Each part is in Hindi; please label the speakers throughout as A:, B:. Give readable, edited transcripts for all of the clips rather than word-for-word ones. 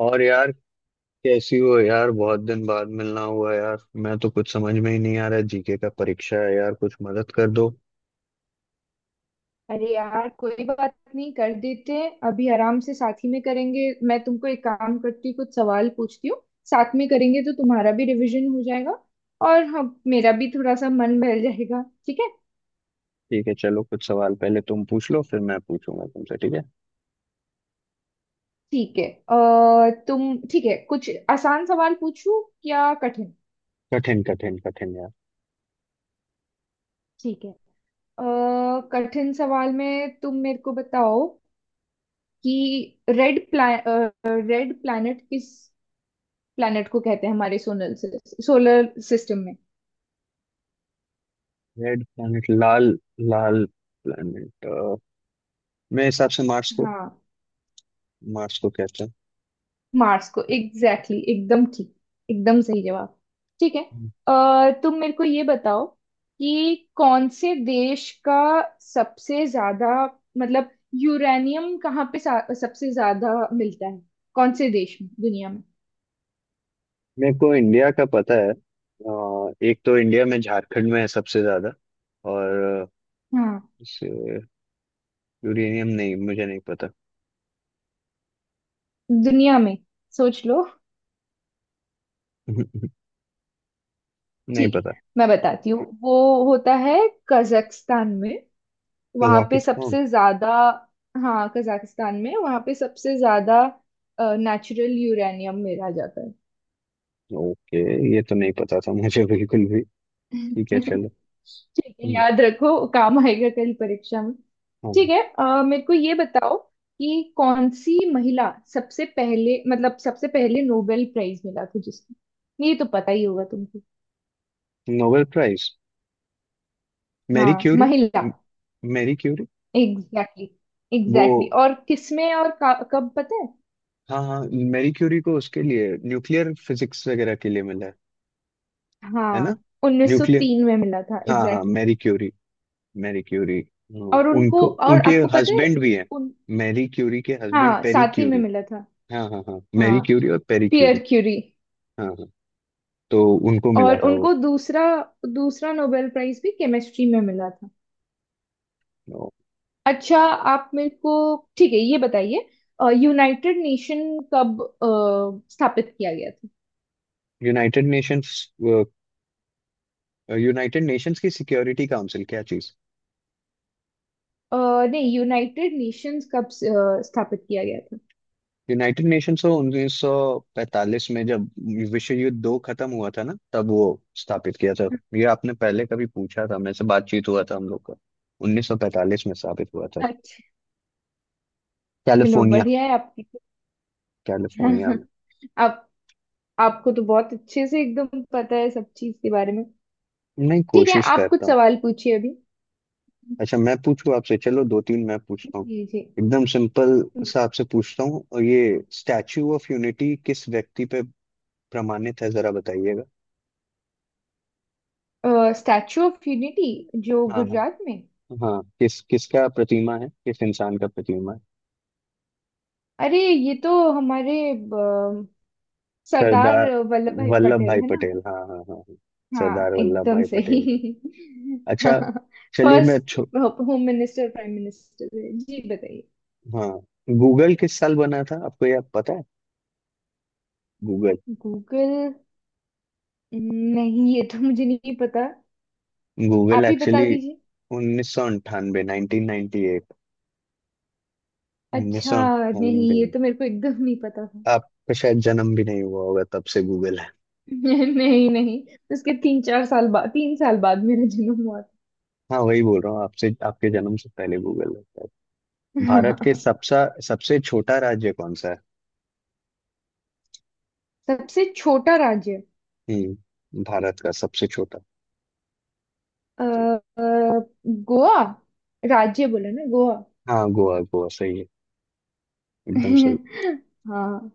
A: और यार, कैसी हो यार? बहुत दिन बाद मिलना हुआ यार। मैं तो कुछ समझ में ही नहीं आ रहा, जीके का परीक्षा है यार, कुछ मदद कर दो।
B: अरे यार, कोई बात नहीं। कर देते हैं अभी आराम से, साथ ही में करेंगे। मैं तुमको एक काम करती हूँ, कुछ सवाल पूछती हूँ। साथ में करेंगे तो तुम्हारा भी रिवीजन हो जाएगा। और हाँ, मेरा भी थोड़ा सा मन बहल जाएगा। ठीक है।
A: ठीक है, चलो, कुछ सवाल पहले तुम पूछ लो, फिर मैं पूछूंगा तुमसे, ठीक है।
B: ठीक है। तुम ठीक है, कुछ आसान सवाल पूछूं या कठिन।
A: कठिन कठिन कठिन यार।
B: ठीक है। अ, कठिन सवाल में तुम मेरे को बताओ कि रेड प्लैनेट किस प्लैनेट को कहते हैं हमारे सोलर सोलर सिस्टम में।
A: रेड प्लैनेट, लाल लाल प्लैनेट, मेरे हिसाब से मार्स को।
B: हाँ।
A: मार्स को कहते हैं।
B: मार्स को, एग्जैक्टली एकदम ठीक। एकदम सही जवाब। ठीक है।
A: हम्म।
B: तुम मेरे को ये बताओ कि कौन से देश का सबसे ज्यादा, मतलब यूरेनियम कहाँ पे सबसे ज्यादा मिलता है, कौन से देश में, दुनिया में।
A: मेरे को इंडिया का पता है। एक तो इंडिया में झारखंड में है सबसे ज्यादा। और
B: हाँ,
A: इसे यूरेनियम, नहीं मुझे नहीं पता।
B: दुनिया में, सोच लो।
A: नहीं
B: ठीक
A: पता।
B: है, मैं बताती हूँ। वो होता है कजाकिस्तान में। वहां पे
A: कजाकिस्तान।
B: सबसे ज्यादा। हाँ, कजाकिस्तान में, वहां पे सबसे ज्यादा नेचुरल यूरेनियम मिला जाता है।
A: ओके, ये तो नहीं पता था मुझे बिल्कुल भी। ठीक है चलो।
B: ठीक है,
A: हम्म,
B: याद रखो, काम आएगा कल परीक्षा में। ठीक
A: हाँ।
B: है, मेरे को ये बताओ कि कौन सी महिला सबसे पहले, मतलब सबसे पहले नोबेल प्राइज मिला था जिसको। ये तो पता ही होगा तुमको।
A: Nobel prize. मैरी
B: हाँ,
A: क्यूरी।
B: महिला।
A: म- मैरी क्यूरी।
B: एग्जैक्टली।
A: वो,
B: एग्जैक्टली। और किसमें और कब पता है।
A: हाँ हाँ, मैरी क्यूरी को उसके लिए न्यूक्लियर फिजिक्स वगैरह के लिए मिला है ना?
B: हाँ,
A: न्यूक्लियर।
B: 1903 में मिला था,
A: हाँ हाँ,
B: exactly.
A: Marie Curie, Marie Curie, हाँ।
B: और उनको,
A: उनको,
B: और
A: उनके
B: आपको पता है?
A: हस्बैंड भी है।
B: उन,
A: मैरी क्यूरी के हस्बैंड
B: हाँ,
A: पेरी
B: साथ ही में
A: क्यूरी।
B: मिला था।
A: हाँ हाँ हाँ, मैरी
B: हाँ,
A: क्यूरी और पेरी क्यूरी।
B: Pierre Curie.
A: हाँ हाँ, तो उनको मिला
B: और
A: था
B: उनको
A: वो।
B: दूसरा, दूसरा नोबेल प्राइज भी केमिस्ट्री में मिला था। अच्छा, आप मेरे को, ठीक है, ये बताइए, यूनाइटेड नेशन कब स्थापित किया गया था।
A: United Nations. यूनाइटेड नेशंस की सिक्योरिटी काउंसिल, क्या चीज।
B: नहीं, यूनाइटेड नेशंस कब स्थापित किया गया था।
A: यूनाइटेड नेशंस को 1945 में, जब विश्व युद्ध दो खत्म हुआ था ना, तब वो स्थापित किया था। ये आपने पहले कभी पूछा था मेरे से, बातचीत हुआ था हम लोग का। 1945 में स्थापित हुआ था।
B: अच्छा। चलो,
A: कैलिफोर्निया।
B: बढ़िया है आपकी।
A: कैलिफोर्निया में।
B: आप, आपको तो बहुत अच्छे से एकदम पता है सब चीज के बारे में।
A: नहीं,
B: ठीक है,
A: कोशिश
B: आप कुछ
A: करता हूँ।
B: सवाल पूछिए अभी।
A: अच्छा, मैं पूछूं आपसे? चलो, दो तीन मैं पूछता हूँ।
B: जी, जी।
A: एकदम सिंपल सा आपसे पूछता हूँ। और ये स्टैचू ऑफ यूनिटी किस व्यक्ति पे प्रमाणित है, जरा बताइएगा।
B: स्टैचू ऑफ यूनिटी, जो
A: हाँ हाँ
B: गुजरात में।
A: हाँ, किस, किसका प्रतिमा है, किस इंसान का प्रतिमा है?
B: अरे, ये तो हमारे, ब- सरदार
A: सरदार
B: वल्लभ भाई
A: वल्लभ
B: पटेल
A: भाई
B: है ना।
A: पटेल। हाँ हाँ हाँ हाँ,
B: हाँ,
A: सरदार वल्लभ
B: एकदम
A: भाई
B: सही।
A: पटेल के। अच्छा, चलिए मैं
B: फर्स्ट
A: छो।
B: Home minister, prime minister. Ji, बताइए।
A: हाँ। गूगल किस साल बना था, आपको यह पता है? गूगल।
B: गूगल, नहीं ये तो मुझे नहीं पता।
A: गूगल
B: आप ही बता
A: एक्चुअली
B: दीजिए।
A: 1998, 1998। उन्नीस
B: अच्छा,
A: सौ
B: नहीं
A: अंठानवे
B: ये
A: में।
B: तो मेरे को एकदम नहीं पता था।
A: आपका शायद जन्म भी नहीं हुआ होगा, तब से गूगल है।
B: नहीं, नहीं, उसके तीन चार साल बाद, तीन साल बाद मेरा जन्म हुआ।
A: हाँ, वही बोल रहा हूँ आपसे, आपके जन्म से पहले गूगल है। भारत के
B: था।
A: सबसे सबसे छोटा राज्य कौन सा है?
B: सबसे छोटा राज्य।
A: हम्म, भारत का सबसे छोटा।
B: अ,
A: सही है।
B: अ, गोवा। राज्य बोला ना, गोवा।
A: हाँ गोवा, गोवा, सही है, एकदम सही।
B: हाँ।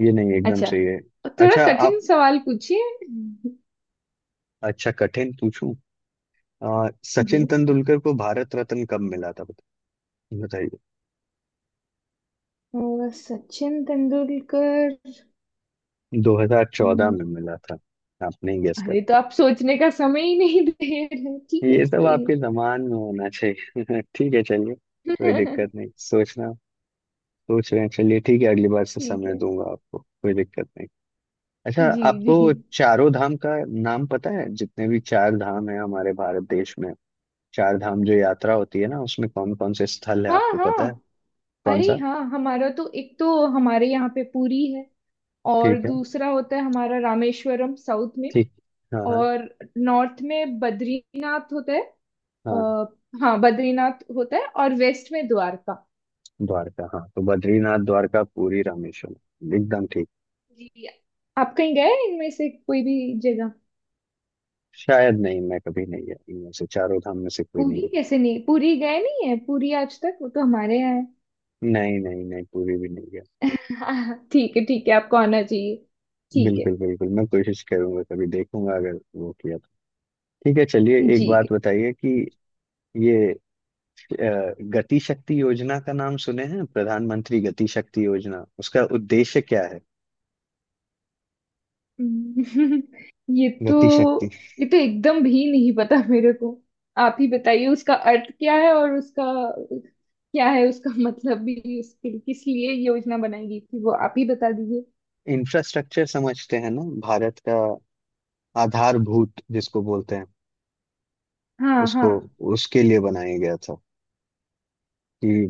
A: ये नहीं, एकदम
B: अच्छा,
A: सही है।
B: थोड़ा
A: अच्छा
B: कठिन
A: आप
B: सवाल पूछिए।
A: अच्छा कठिन पूछूं?
B: जी।
A: सचिन तेंदुलकर को भारत रत्न कब मिला था, बताइए।
B: सचिन तेंदुलकर।
A: 2014
B: हम्म।
A: में मिला था। आपने गेस कर।
B: अरे, तो आप सोचने का समय ही नहीं दे रहे। ठीक है,
A: ये सब
B: कोई नहीं।
A: आपके जमान में होना चाहिए। ठीक है चलिए, कोई दिक्कत नहीं, सोचना। सोच रहे हैं, चलिए ठीक है। अगली बार से
B: ठीक
A: समय
B: है।
A: दूंगा आपको, कोई दिक्कत नहीं। अच्छा,
B: जी,
A: आपको
B: जी।
A: चारों धाम का नाम पता है? जितने भी चार धाम है हमारे भारत देश में, चार धाम जो यात्रा होती है ना, उसमें कौन कौन से स्थल है,
B: हाँ,
A: आपको पता
B: हाँ।
A: है कौन
B: अरे
A: सा?
B: हाँ, हमारा तो एक तो हमारे यहाँ पे पुरी है। और
A: ठीक है,
B: दूसरा होता है हमारा रामेश्वरम साउथ में।
A: ठीक। हाँ हाँ
B: और नॉर्थ में बद्रीनाथ होता है।
A: हाँ।
B: आ, हाँ, बद्रीनाथ होता है, और वेस्ट में द्वारका।
A: द्वारका, हाँ, तो बद्रीनाथ, द्वारका, पुरी, रामेश्वरम, एकदम ठीक।
B: जी। आप कहीं गए हैं इनमें से कोई भी जगह?
A: शायद नहीं, मैं कभी नहीं गया, इनमें से चारों धाम में से कोई
B: पूरी
A: नहीं।
B: कैसे नहीं? पूरी गए नहीं है? पूरी आज तक, वो तो हमारे यहाँ
A: गया नहीं, नहीं नहीं, पुरी भी नहीं गया।
B: है। ठीक है, ठीक है, आपको आना चाहिए। ठीक है।
A: बिल्कुल बिल्कुल, मैं कोशिश करूंगा, कभी देखूंगा, अगर वो किया तो। ठीक है, चलिए एक बात
B: जी।
A: बताइए कि ये गति शक्ति योजना का नाम सुने हैं, प्रधानमंत्री गति शक्ति योजना, उसका उद्देश्य क्या है?
B: हम्म। ये तो,
A: गति शक्ति,
B: ये तो एकदम भी नहीं पता मेरे को। आप ही बताइए, उसका अर्थ क्या है, और उसका क्या है, उसका मतलब भी, उसके किस लिए योजना बनाई गई थी वो आप ही बता दीजिए।
A: इंफ्रास्ट्रक्चर समझते हैं ना, भारत का आधारभूत जिसको बोलते हैं,
B: हाँ, हाँ।
A: उसको, उसके लिए बनाया गया था कि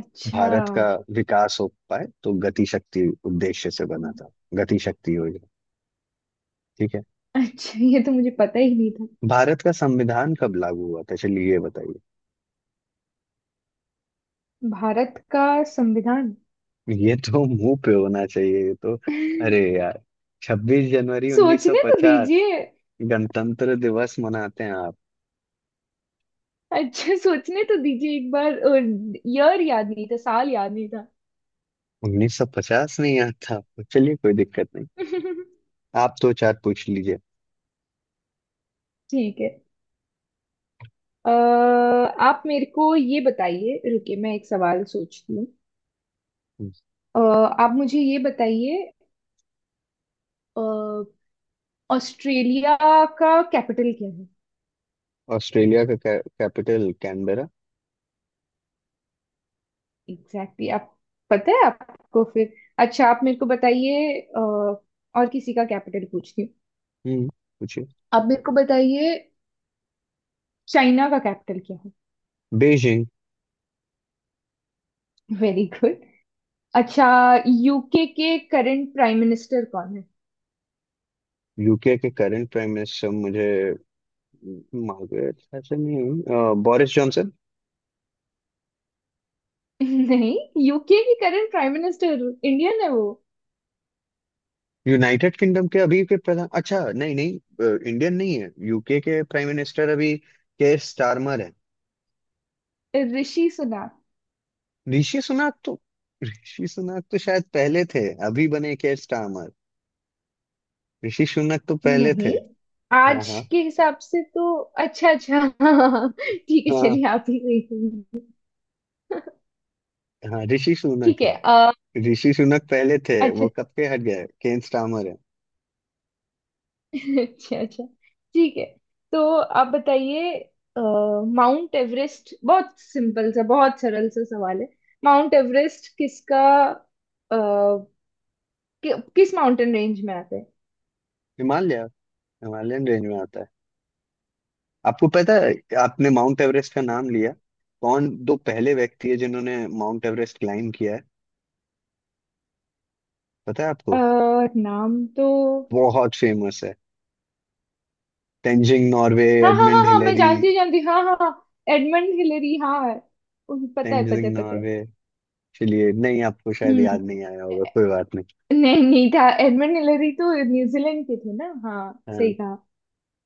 B: अच्छा।
A: भारत का विकास हो पाए, तो गति शक्ति उद्देश्य से बना था गति शक्ति योजना। ठीक है।
B: अच्छा, ये तो मुझे पता ही नहीं था।
A: भारत का संविधान कब लागू हुआ था, चलिए ये बताइए।
B: भारत का संविधान।
A: ये तो मुंह पे होना चाहिए ये तो। अरे यार, छब्बीस जनवरी उन्नीस सौ
B: सोचने तो
A: पचास
B: दीजिए।
A: गणतंत्र दिवस मनाते हैं आप।
B: अच्छा, सोचने तो दीजिए एक बार। ईयर याद नहीं था, साल याद नहीं था।
A: 1950 नहीं याद था आपको, चलिए कोई दिक्कत नहीं। आप दो चार पूछ लीजिए।
B: ठीक है। अ, आप मेरे को ये बताइए, रुकिए मैं एक सवाल सोचती हूँ। अ, आप मुझे ये बताइए, अ, ऑस्ट्रेलिया का कैपिटल क्या है।
A: ऑस्ट्रेलिया का कैपिटल कैनबेरा।
B: एग्जैक्टली आप, पता है आपको फिर। अच्छा, आप मेरे को बताइए, और किसी का कैपिटल पूछती हूँ।
A: हम्म, पूछिए।
B: आप मेरे को बताइए, चाइना का कैपिटल क्या है।
A: बीजिंग।
B: Very good. अच्छा, यूके के करंट प्राइम मिनिस्टर कौन है?
A: यूके के करंट प्राइम मिनिस्टर, मुझे मार्गरेट, ऐसे नहीं, बोरिस जॉनसन।
B: नहीं, यूके की करंट प्राइम मिनिस्टर इंडियन है वो।
A: यूनाइटेड किंगडम के अभी के प्रधान, अच्छा नहीं नहीं, इंडियन नहीं है यूके के प्राइम मिनिस्टर अभी, केयर स्टारमर है।
B: ऋषि सुनक।
A: ऋषि सुनक तो, ऋषि सुनक तो शायद पहले थे, अभी बने केयर स्टारमर। ऋषि सुनक तो पहले थे।
B: नहीं,
A: हाँ
B: आज
A: हाँ
B: के हिसाब से तो। अच्छा, अच्छा। हाँ, ठीक है,
A: हाँ
B: चलिए आप ही गई होंगी।
A: हाँ, ऋषि
B: ठीक
A: सुनक है।
B: है,
A: ऋषि सुनक पहले थे,
B: अच्छा,
A: वो कब के हट गए, केन स्टार्मर है।
B: अच्छा, अच्छा, ठीक है। तो आप बताइए, अ, माउंट एवरेस्ट, बहुत सिंपल सा, बहुत सरल सा सवाल है। माउंट एवरेस्ट किसका, अ, किस माउंटेन रेंज में आता है?
A: हिमालय, हिमालयन रेंज में आता है। आपको पता है, आपने माउंट एवरेस्ट का नाम लिया, कौन दो पहले व्यक्ति है जिन्होंने माउंट एवरेस्ट क्लाइम किया है, पता है
B: अ,
A: आपको?
B: नाम तो,
A: बहुत फेमस है, तेंजिंग नॉर्वे,
B: हाँ हाँ हाँ
A: एडमंड
B: हाँ, मैं
A: हिलेरी।
B: जानती हूँ, जानती हूँ, हाँ हाँ हाँ, एडमंड हिलरी, हाँ हाँ, पता है, पता
A: तेंजिंग
B: है, पता है।
A: नॉर्वे। चलिए नहीं, आपको शायद
B: हम्म।
A: याद नहीं आया होगा, कोई बात नहीं।
B: नहीं, नहीं था, एडमंड हिलरी तो न्यूजीलैंड के थे ना। हाँ, सही
A: हाँ
B: कहा।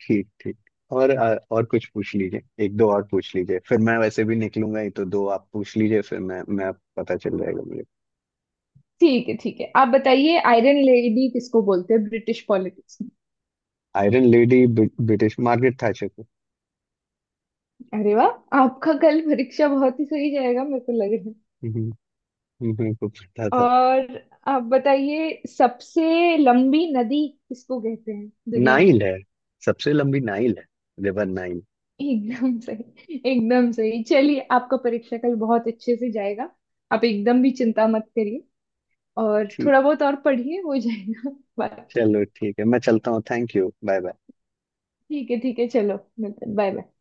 A: ठीक ठीक। और और कुछ पूछ लीजिए, एक दो और पूछ लीजिए, फिर मैं वैसे भी निकलूंगा ही, तो दो आप पूछ लीजिए, फिर मैं पता चल जाएगा मुझे।
B: ठीक है, ठीक है। आप बताइए, आयरन लेडी किसको बोलते हैं ब्रिटिश पॉलिटिक्स में?
A: Iron lady British, Margaret Thatcher
B: अरे वाह, आपका कल परीक्षा बहुत ही सही जाएगा, मेरे को लग रहा है।
A: को। मेरे को पता था।
B: और आप बताइए, सबसे लंबी नदी किसको कहते हैं दुनिया में?
A: नाइल है, सबसे लंबी नाइल है, रिवर नाइल।
B: एकदम सही, एकदम सही। चलिए, आपका परीक्षा कल बहुत अच्छे से जाएगा, आप एकदम भी चिंता मत करिए, और
A: ठीक,
B: थोड़ा बहुत और पढ़िए, हो जाएगा। बाकी
A: चलो ठीक है, मैं चलता हूँ, थैंक यू, बाय बाय।
B: ठीक है, ठीक है, चलो मिलते हैं, बाय बाय।